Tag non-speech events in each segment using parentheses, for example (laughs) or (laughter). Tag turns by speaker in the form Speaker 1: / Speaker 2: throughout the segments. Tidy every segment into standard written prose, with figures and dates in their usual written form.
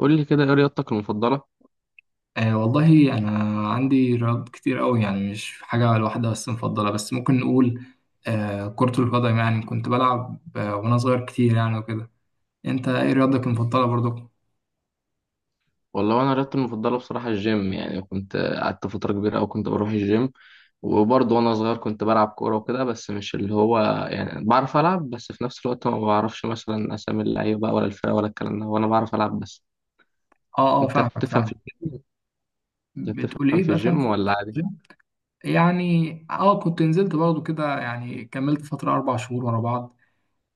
Speaker 1: قول لي كده، ايه رياضتك المفضلة؟
Speaker 2: والله أنا عندي رياضات كتير أوي، يعني مش حاجة الواحدة بس مفضلة، بس ممكن نقول كرة القدم. يعني كنت بلعب وأنا صغير كتير يعني وكده. أنت إيه رياضتك المفضلة برضو؟
Speaker 1: والله انا رياضتي المفضلة بصراحة الجيم. يعني كنت قعدت فترة كبيرة، او كنت بروح الجيم. وبرضه وانا صغير كنت بلعب كورة وكده، بس مش اللي هو يعني بعرف العب. بس في نفس الوقت ما بعرفش مثلا اسامي اللعيبة بقى، ولا الفرقة، ولا الكلام ده. وانا بعرف العب بس.
Speaker 2: أه أه،
Speaker 1: انت
Speaker 2: فاهمك
Speaker 1: بتفهم في
Speaker 2: فاهم.
Speaker 1: الجيم انت
Speaker 2: بتقول
Speaker 1: بتفهم
Speaker 2: إيه
Speaker 1: في
Speaker 2: بقى، فاهم
Speaker 1: الجيم
Speaker 2: في
Speaker 1: ولا عادي؟
Speaker 2: جيم؟ يعني كنت نزلت برضو كده، يعني كملت فترة 4 شهور ورا بعض.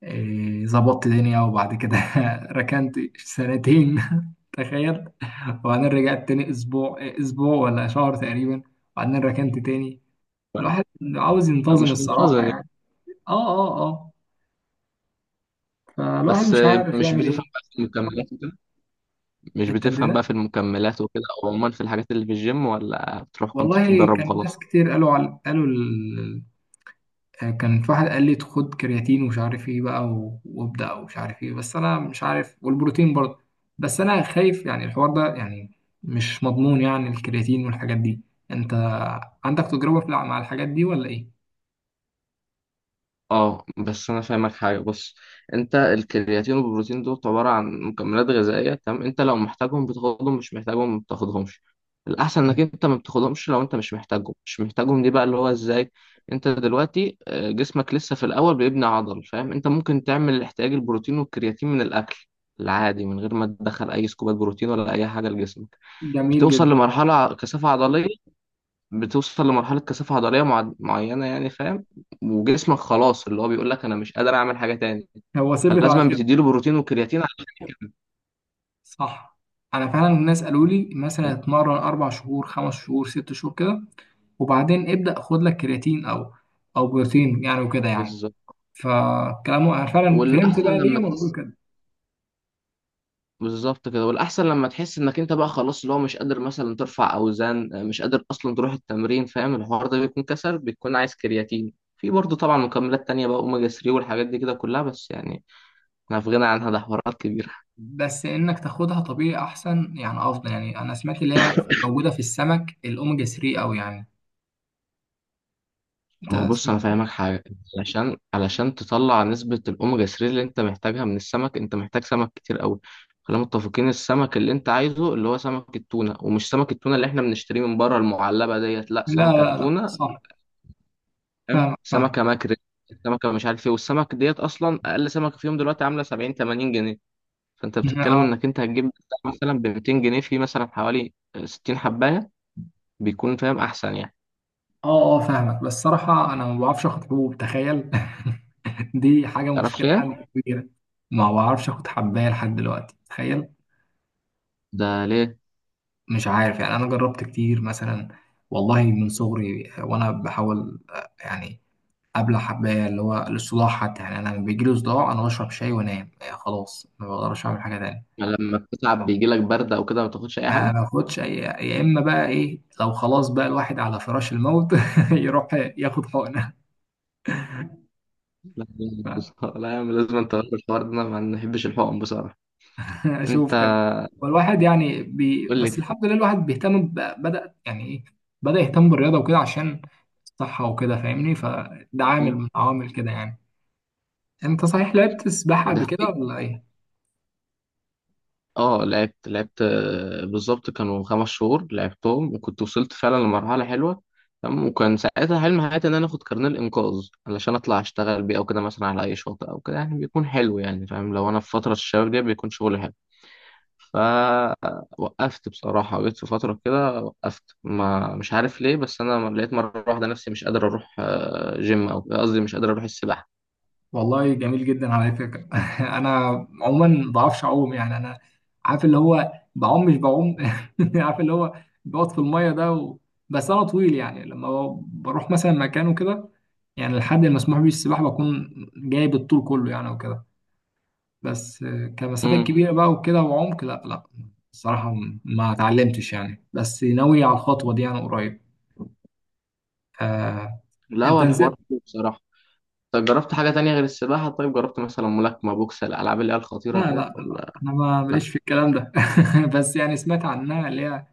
Speaker 2: ظبطت دنيا، وبعد كده (laughs) ركنت سنتين (laughs) تخيل. وبعدين رجعت تاني أسبوع، أسبوع ولا شهر تقريبا، وبعدين ركنت تاني. الواحد عاوز
Speaker 1: أو
Speaker 2: ينتظم
Speaker 1: مش منتظم
Speaker 2: الصراحة
Speaker 1: يعني.
Speaker 2: يعني. اه اه اه، فالواحد
Speaker 1: بس
Speaker 2: مش عارف
Speaker 1: مش
Speaker 2: يعمل
Speaker 1: بتفهم
Speaker 2: ايه.
Speaker 1: بقى في المكملات وكده مش بتفهم
Speaker 2: التمرينات.
Speaker 1: بقى في المكملات وكده، او عموما في الحاجات اللي في الجيم، ولا بتروح كنت
Speaker 2: والله
Speaker 1: بتتدرب
Speaker 2: كان ناس
Speaker 1: وخلاص؟
Speaker 2: كتير قالوا كان في واحد قال لي خد كرياتين ومش عارف ايه بقى، و... وابدأ ومش عارف ايه، بس انا مش عارف، والبروتين برضه. بس انا خايف، يعني الحوار ده يعني مش مضمون، يعني الكرياتين والحاجات دي. انت عندك تجربة مع الحاجات دي ولا ايه؟
Speaker 1: اه بس انا فاهمك حاجه. بص، انت الكرياتين والبروتين دول عباره عن مكملات غذائيه. تمام، انت لو محتاجهم بتاخدهم، مش محتاجهم ما بتاخدهمش. الاحسن انك انت ما بتاخدهمش. لو انت مش محتاجهم مش محتاجهم، دي بقى اللي هو ازاي. انت دلوقتي جسمك لسه في الاول بيبني عضل. فاهم؟ انت ممكن تعمل احتياج البروتين والكرياتين من الاكل العادي، من غير ما تدخل اي سكوبات بروتين ولا اي حاجه لجسمك.
Speaker 2: جميل
Speaker 1: بتوصل
Speaker 2: جدا.
Speaker 1: لمرحله كثافه عضليه بتوصل لمرحلة كثافة عضلية معينة يعني. فاهم؟ وجسمك خلاص اللي هو بيقول لك أنا مش قادر أعمل حاجة تاني،
Speaker 2: هو ثبت
Speaker 1: فلازم
Speaker 2: على.
Speaker 1: بتديله بروتين وكرياتين عشان
Speaker 2: صح. انا فعلا الناس قالوا لي مثلا
Speaker 1: فاهم.
Speaker 2: اتمرن 4 شهور، 5 شهور، 6 شهور كده، وبعدين ابدا خد لك كرياتين او بروتين يعني وكده يعني.
Speaker 1: بالظبط
Speaker 2: فكلامه انا فعلا فهمت
Speaker 1: والأحسن
Speaker 2: بقى ليه
Speaker 1: لما
Speaker 2: هما بيقولوا
Speaker 1: تحس
Speaker 2: كده.
Speaker 1: بالظبط كده. والأحسن لما تحس إنك أنت بقى خلاص اللي هو مش قادر مثلا ترفع أوزان، مش قادر أصلا تروح التمرين. فاهم الحوار ده؟ بيكون كسر، بتكون عايز كرياتين. في برضه طبعا مكملات تانية بقى، أوميجا 3 والحاجات دي كده كلها. بس يعني أنا في غنى عنها، ده حوارات كبيرة.
Speaker 2: بس انك تاخدها طبيعي احسن، يعني افضل يعني. انا سمعت اللي هي موجوده في السمك، الاوميجا 3 او يعني. انت
Speaker 1: ما هو بص، انا
Speaker 2: سمعت؟
Speaker 1: فاهمك حاجه. علشان تطلع نسبه الاوميجا 3 اللي انت محتاجها من السمك، انت محتاج سمك كتير قوي. خلينا متفقين، السمك اللي انت عايزه اللي هو سمك التونه. ومش سمك التونه اللي احنا بنشتريه من بره المعلبه ديت، لا،
Speaker 2: لا
Speaker 1: سمكه
Speaker 2: لا لا،
Speaker 1: تونه.
Speaker 2: صح.
Speaker 1: فاهم؟
Speaker 2: فاهم فاهم.
Speaker 1: سمكه ماكريل، سمكه مش عارف ايه. والسمك ديت اصلا اقل سمكه فيهم دلوقتي عامله 70 80 جنيه. فانت بتتكلم انك
Speaker 2: (laughs)
Speaker 1: انت هتجيب بتاع مثلا ب 200 جنيه في مثلا حوالي 60 حبايه. بيكون فاهم احسن يعني.
Speaker 2: اه اه، فاهمك. بس صراحة انا ما بعرفش اخد حبوب، تخيل. (laughs) دي حاجة
Speaker 1: تعرفش
Speaker 2: مشكلة
Speaker 1: ايه؟
Speaker 2: عندي كبيرة. ما بعرفش اخد حباية لحد دلوقتي، تخيل.
Speaker 1: ده ليه؟
Speaker 2: مش عارف يعني، انا جربت كتير مثلا. والله من صغري وانا بحاول، يعني ابلع حباية. اللي هو الصداع حتى، يعني انا لما بيجيلي صداع انا بشرب شاي وانام. خلاص ما بقدرش اعمل حاجة تانية.
Speaker 1: لما بتتعب بيجي لك برد او كده ما تاخدش اي
Speaker 2: ما
Speaker 1: حاجه.
Speaker 2: باخدش يا اما بقى ايه، لو خلاص بقى الواحد على فراش الموت (laughs) يروح ياخد حقنة.
Speaker 1: لا. (laughs) لا يا عم، لازم انت تغير الحوار ده، انا ما بحبش الحقن بصراحه.
Speaker 2: (laughs)
Speaker 1: انت
Speaker 2: اشوف كده. والواحد يعني
Speaker 1: قول
Speaker 2: بس
Speaker 1: لي.
Speaker 2: الحمد لله الواحد بيهتم بدأ يعني ايه بدأ يهتم بالرياضة وكده عشان الصحة وكده، فاهمني؟ فده عامل من عوامل كده يعني. انت صحيح لعبت سباحة
Speaker 1: ده
Speaker 2: قبل كده
Speaker 1: حقيقي.
Speaker 2: ولا ايه؟
Speaker 1: اه، لعبت. بالظبط كانوا 5 شهور لعبتهم، وكنت وصلت فعلا لمرحله حلوه. تمام، وكان ساعتها حلم حياتي ان انا اخد كارنيه الانقاذ علشان اطلع اشتغل بيه او كده مثلا على اي شاطئ او كده. يعني بيكون حلو يعني. فاهم؟ لو انا في فتره الشباب دي بيكون شغل. فوقفت بصراحة، جيت في فترة كده وقفت، ما مش عارف ليه. بس أنا لقيت مرة واحدة نفسي مش قادر أروح جيم. أو قصدي مش قادر أروح السباحة.
Speaker 2: والله جميل جدا على فكرة. (laughs) انا عموما ما بعرفش اعوم يعني. انا عارف اللي هو بعوم مش بعوم. (laughs) عارف اللي هو بقعد في المية ده بس انا طويل، يعني لما بروح مثلا مكان وكده، يعني الحد المسموح بيه السباحة بكون جايب الطول كله يعني وكده. بس كمسافات
Speaker 1: امم.
Speaker 2: كبيرة بقى وكده، وعمق لا لا. الصراحة ما اتعلمتش يعني، بس ناوي على الخطوة دي أنا قريب. آه،
Speaker 1: لا
Speaker 2: أنت
Speaker 1: هو الحوار
Speaker 2: نزلت.
Speaker 1: حلو بصراحة. طب جربت حاجة تانية غير السباحة؟ طيب جربت مثلا ملاكمة بوكس، الألعاب اللي هي
Speaker 2: لا
Speaker 1: الخطيرة
Speaker 2: لا
Speaker 1: ديت
Speaker 2: لا،
Speaker 1: ولا؟
Speaker 2: أنا ما ماليش في الكلام ده. (laughs) بس يعني سمعت عنها اللي هي،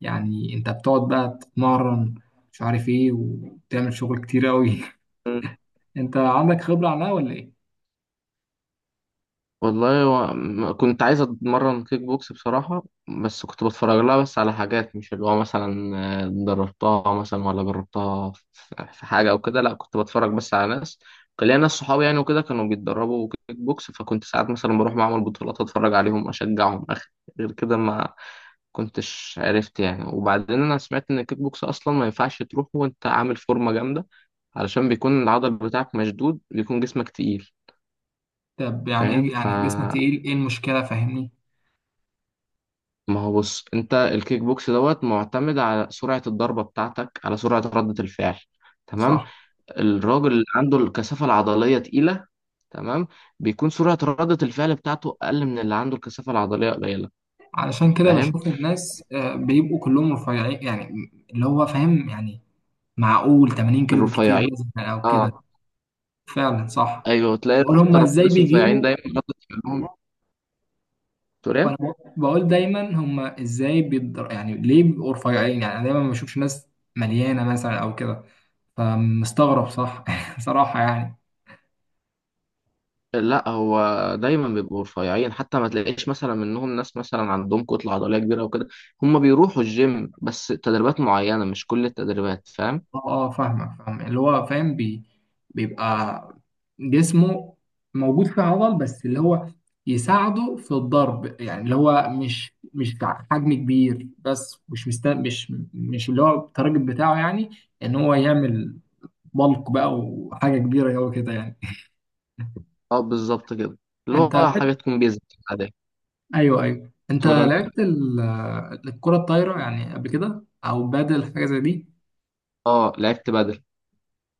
Speaker 2: يعني أنت بتقعد بقى تتمرن مش عارف إيه، وتعمل شغل كتير أوي.
Speaker 1: لا،
Speaker 2: (laughs) أنت عندك خبرة عنها ولا إيه؟
Speaker 1: والله كنت عايز اتمرن كيك بوكس بصراحة. بس كنت بتفرج لها بس على حاجات، مش اللي هو مثلا دربتها مثلا ولا جربتها في حاجة او كده. لا كنت بتفرج بس على ناس. كان ليا ناس صحابي يعني وكده، كانوا بيتدربوا كيك بوكس. فكنت ساعات مثلا بروح معمل بطولات اتفرج عليهم اشجعهم اخ. غير كده ما كنتش عرفت يعني. وبعدين انا سمعت ان الكيك بوكس اصلا ما ينفعش تروح وانت عامل فورمة جامدة، علشان بيكون العضل بتاعك مشدود، بيكون جسمك تقيل.
Speaker 2: طب يعني
Speaker 1: فاهم
Speaker 2: إيه
Speaker 1: ف
Speaker 2: يعني جسمك تقيل، إيه المشكلة فاهمني؟
Speaker 1: ما هو بص، انت الكيك بوكس دوت معتمد على سرعة الضربة بتاعتك، على سرعة ردة الفعل. تمام.
Speaker 2: صح.
Speaker 1: الراجل اللي عنده الكثافة العضلية تقيلة، تمام، بيكون سرعة ردة الفعل بتاعته أقل من اللي عنده الكثافة العضلية قليلة.
Speaker 2: علشان كده
Speaker 1: فاهم؟
Speaker 2: بشوف الناس بيبقوا كلهم رفيعين يعني، اللي هو فاهم يعني. معقول 80 كيلو بالكتير
Speaker 1: الرفيعين،
Speaker 2: مثلا او كده.
Speaker 1: اه.
Speaker 2: فعلا صح.
Speaker 1: ايوه، تلاقي
Speaker 2: بقول هما
Speaker 1: اكتر
Speaker 2: ازاي
Speaker 1: الناس رفيعين
Speaker 2: بيجيبوا.
Speaker 1: دايما ردة فعلهم. تقول إيه؟
Speaker 2: فانا بقول دايما هما ازاي بيقدر، يعني ليه بيبقوا رفيعين يعني؟ انا دايما ما بشوفش ناس مليانه مثلا او كده، فمستغرب صح. (laughs) صراحه يعني.
Speaker 1: لا هو دايما بيبقوا رفيعين. حتى ما تلاقيش مثلا منهم ناس مثلا عندهم كتلة عضلية كبيرة وكده. هم بيروحوا الجيم بس تدريبات معينة، مش كل التدريبات. فاهم؟
Speaker 2: اه اه فاهمك فاهم. اللي هو فاهم بيبقى جسمه موجود فيه عضل، بس اللي هو يساعده في الضرب، يعني اللي هو مش حجم كبير، بس مش اللي هو التارجت بتاعه يعني، ان هو يعمل بلق بقى وحاجه كبيره قوي كده يعني.
Speaker 1: اه بالظبط كده،
Speaker 2: (laughs)
Speaker 1: اللي
Speaker 2: انت
Speaker 1: هو
Speaker 2: لعبت.
Speaker 1: حاجات تكون بيزك عادية.
Speaker 2: ايوه ايوه،
Speaker 1: كنت
Speaker 2: انت
Speaker 1: بقول انا،
Speaker 2: لعبت الكره الطايره يعني قبل كده، او بادل حاجه زي دي؟
Speaker 1: اه لعبت بدل.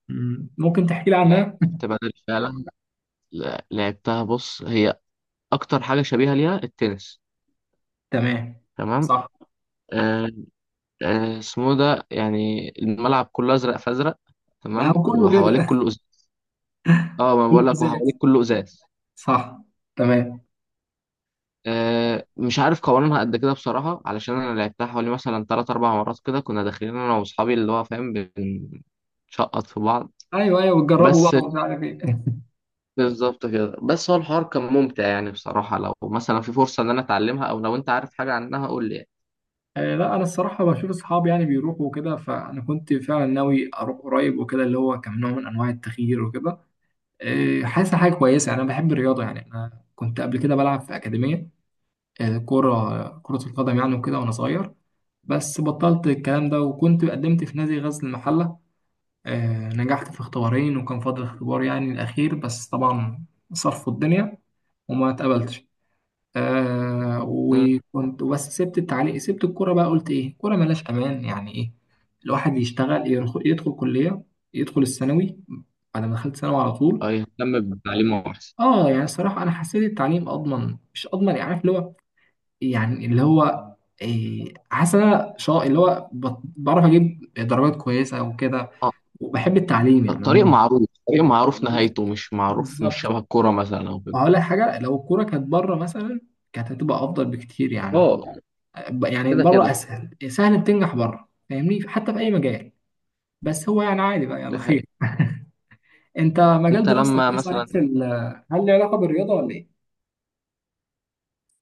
Speaker 2: مم. ممكن تحكي لي عنها.
Speaker 1: فعلا، لعبتها. بص هي اكتر حاجة شبيهة ليها التنس.
Speaker 2: تمام.
Speaker 1: تمام.
Speaker 2: صح.
Speaker 1: آه آه اسمه ده يعني. الملعب كله ازرق فازرق،
Speaker 2: ما هو
Speaker 1: تمام،
Speaker 2: كله
Speaker 1: وحواليك
Speaker 2: كده.
Speaker 1: كله ازاز. اه
Speaker 2: (laughs)
Speaker 1: ما
Speaker 2: كله
Speaker 1: بقول لك،
Speaker 2: زي.
Speaker 1: وحواليك كله ازاز.
Speaker 2: صح. تمام.
Speaker 1: آه، مش عارف قوانينها قد كده بصراحة، علشان انا لعبتها حوالي مثلا تلات اربع مرات كده. كنا داخلين انا واصحابي اللي هو فاهم، بنشقط في بعض.
Speaker 2: ايوه ايوه بتجربوا
Speaker 1: بس
Speaker 2: بقى ومش عارف ايه. (laughs)
Speaker 1: بالظبط كده. بس هو الحوار كان ممتع يعني بصراحة. لو مثلا في فرصة ان انا اتعلمها او لو انت عارف حاجة عنها قول لي يعني.
Speaker 2: لا انا الصراحه بشوف اصحابي يعني بيروحوا وكده، فانا كنت فعلا ناوي اروح قريب وكده، اللي هو كان نوع من انواع التغيير وكده. حاسس حاجه كويسه يعني. انا بحب الرياضه يعني. انا كنت قبل كده بلعب في اكاديميه، كره القدم يعني، وكده وانا صغير. بس بطلت الكلام ده، وكنت قدمت في نادي غزل المحله. نجحت في اختبارين، وكان فاضل اختبار يعني الاخير، بس طبعا صرفوا الدنيا وما اتقبلتش.
Speaker 1: مم.
Speaker 2: وكنت بس سبت التعليق، سبت الكوره بقى. قلت ايه، كوره ملاش امان، يعني ايه، الواحد يشتغل، يدخل كليه، يدخل الثانوي. بعد ما دخلت ثانوي على
Speaker 1: أو
Speaker 2: طول،
Speaker 1: يهتم بتعليمه احسن.
Speaker 2: اه. يعني الصراحه انا حسيت التعليم اضمن، مش اضمن يعني، عارف اللي هو، يعني اللي هو، إيه، حاسس إن انا اللي هو بعرف اجيب درجات كويسه وكده،
Speaker 1: اه،
Speaker 2: وبحب التعليم يعني
Speaker 1: طريق
Speaker 2: عموما.
Speaker 1: معروف. طريق معروف
Speaker 2: بس-
Speaker 1: نهايته مش معروف، مش
Speaker 2: بالظبط.
Speaker 1: شبه الكورة مثلا او كده.
Speaker 2: وهقول لك حاجه، لو الكوره كانت بره مثلا كانت هتبقى افضل بكتير يعني.
Speaker 1: اه
Speaker 2: يعني
Speaker 1: كده
Speaker 2: بره
Speaker 1: كده.
Speaker 2: اسهل، سهل بتنجح بره فاهمني، حتى في اي مجال. بس هو يعني عادي بقى،
Speaker 1: دي
Speaker 2: يلا
Speaker 1: حقيقة.
Speaker 2: خير. انت مجال
Speaker 1: انت
Speaker 2: دراستك
Speaker 1: لما
Speaker 2: ايه صحيح،
Speaker 1: مثلا.
Speaker 2: في هل له علاقه بالرياضه ولا ايه؟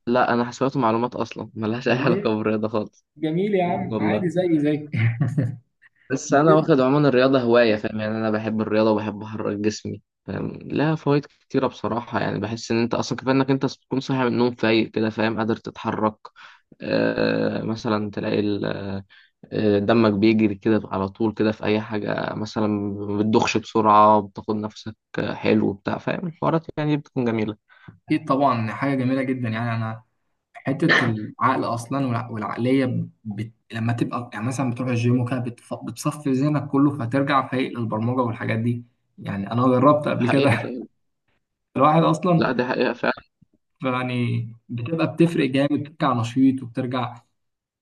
Speaker 1: لا انا حسابات ومعلومات، اصلا ملهاش اي
Speaker 2: والله،
Speaker 1: علاقة بالرياضة خالص.
Speaker 2: جميل يا عم، عادي
Speaker 1: والله.
Speaker 2: زي زي.
Speaker 1: بس انا واخد
Speaker 2: (laughs)
Speaker 1: عموما الرياضه هوايه. فاهم يعني، انا بحب الرياضه وبحب احرك جسمي. فاهم؟ لها فوائد كتيره بصراحه يعني. بحس ان انت اصلا كفايه انك انت تكون صاحي من النوم فايق كده. فاهم؟ قادر تتحرك، آه مثلا تلاقي ال- آه، دمك بيجري كده على طول كده في اي حاجه. مثلا ما بتدخش بسرعه، بتاخد نفسك حلو وبتاع. فاهم؟ الحوارات يعني بتكون جميله.
Speaker 2: اكيد طبعا، حاجه جميله جدا يعني. انا حته العقل اصلا والعقليه لما تبقى يعني مثلا بتروح الجيم وكده، بتصفي ذهنك كله فترجع فايق للبرمجه والحاجات دي. يعني انا جربت
Speaker 1: دي
Speaker 2: قبل
Speaker 1: حقيقه
Speaker 2: كده.
Speaker 1: فعلا.
Speaker 2: (laughs) الواحد اصلا
Speaker 1: لا دي حقيقه فعلا.
Speaker 2: يعني بتبقى بتفرق جامد، بترجع نشيط وبترجع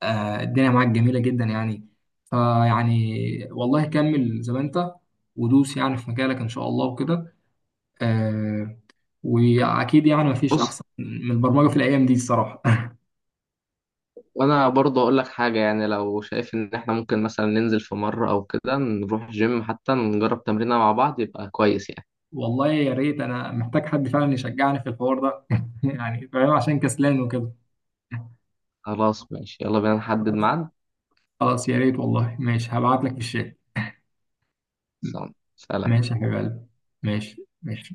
Speaker 2: الدنيا معاك جميلة جدا يعني. فيعني، والله كمل زي ما انت، ودوس يعني في مجالك ان شاء الله وكده. آه، واكيد يعني مفيش
Speaker 1: بص،
Speaker 2: احسن من البرمجة في الايام دي الصراحة.
Speaker 1: وانا برضه اقول لك حاجه. يعني لو شايف ان احنا ممكن مثلا ننزل في مره او كده نروح الجيم، حتى نجرب تمرينه مع بعض يبقى كويس يعني.
Speaker 2: (laughs) والله يا ريت، انا محتاج حد فعلا يشجعني في الحوار ده. (laughs) يعني فاهم، عشان كسلان وكده.
Speaker 1: خلاص ماشي، يلا بينا نحدد ميعاد.
Speaker 2: خلاص يا ريت والله، ماشي هبعت لك في الشات.
Speaker 1: سلام.
Speaker 2: ماشي يا حبيب قلبي. ماشي ماشي.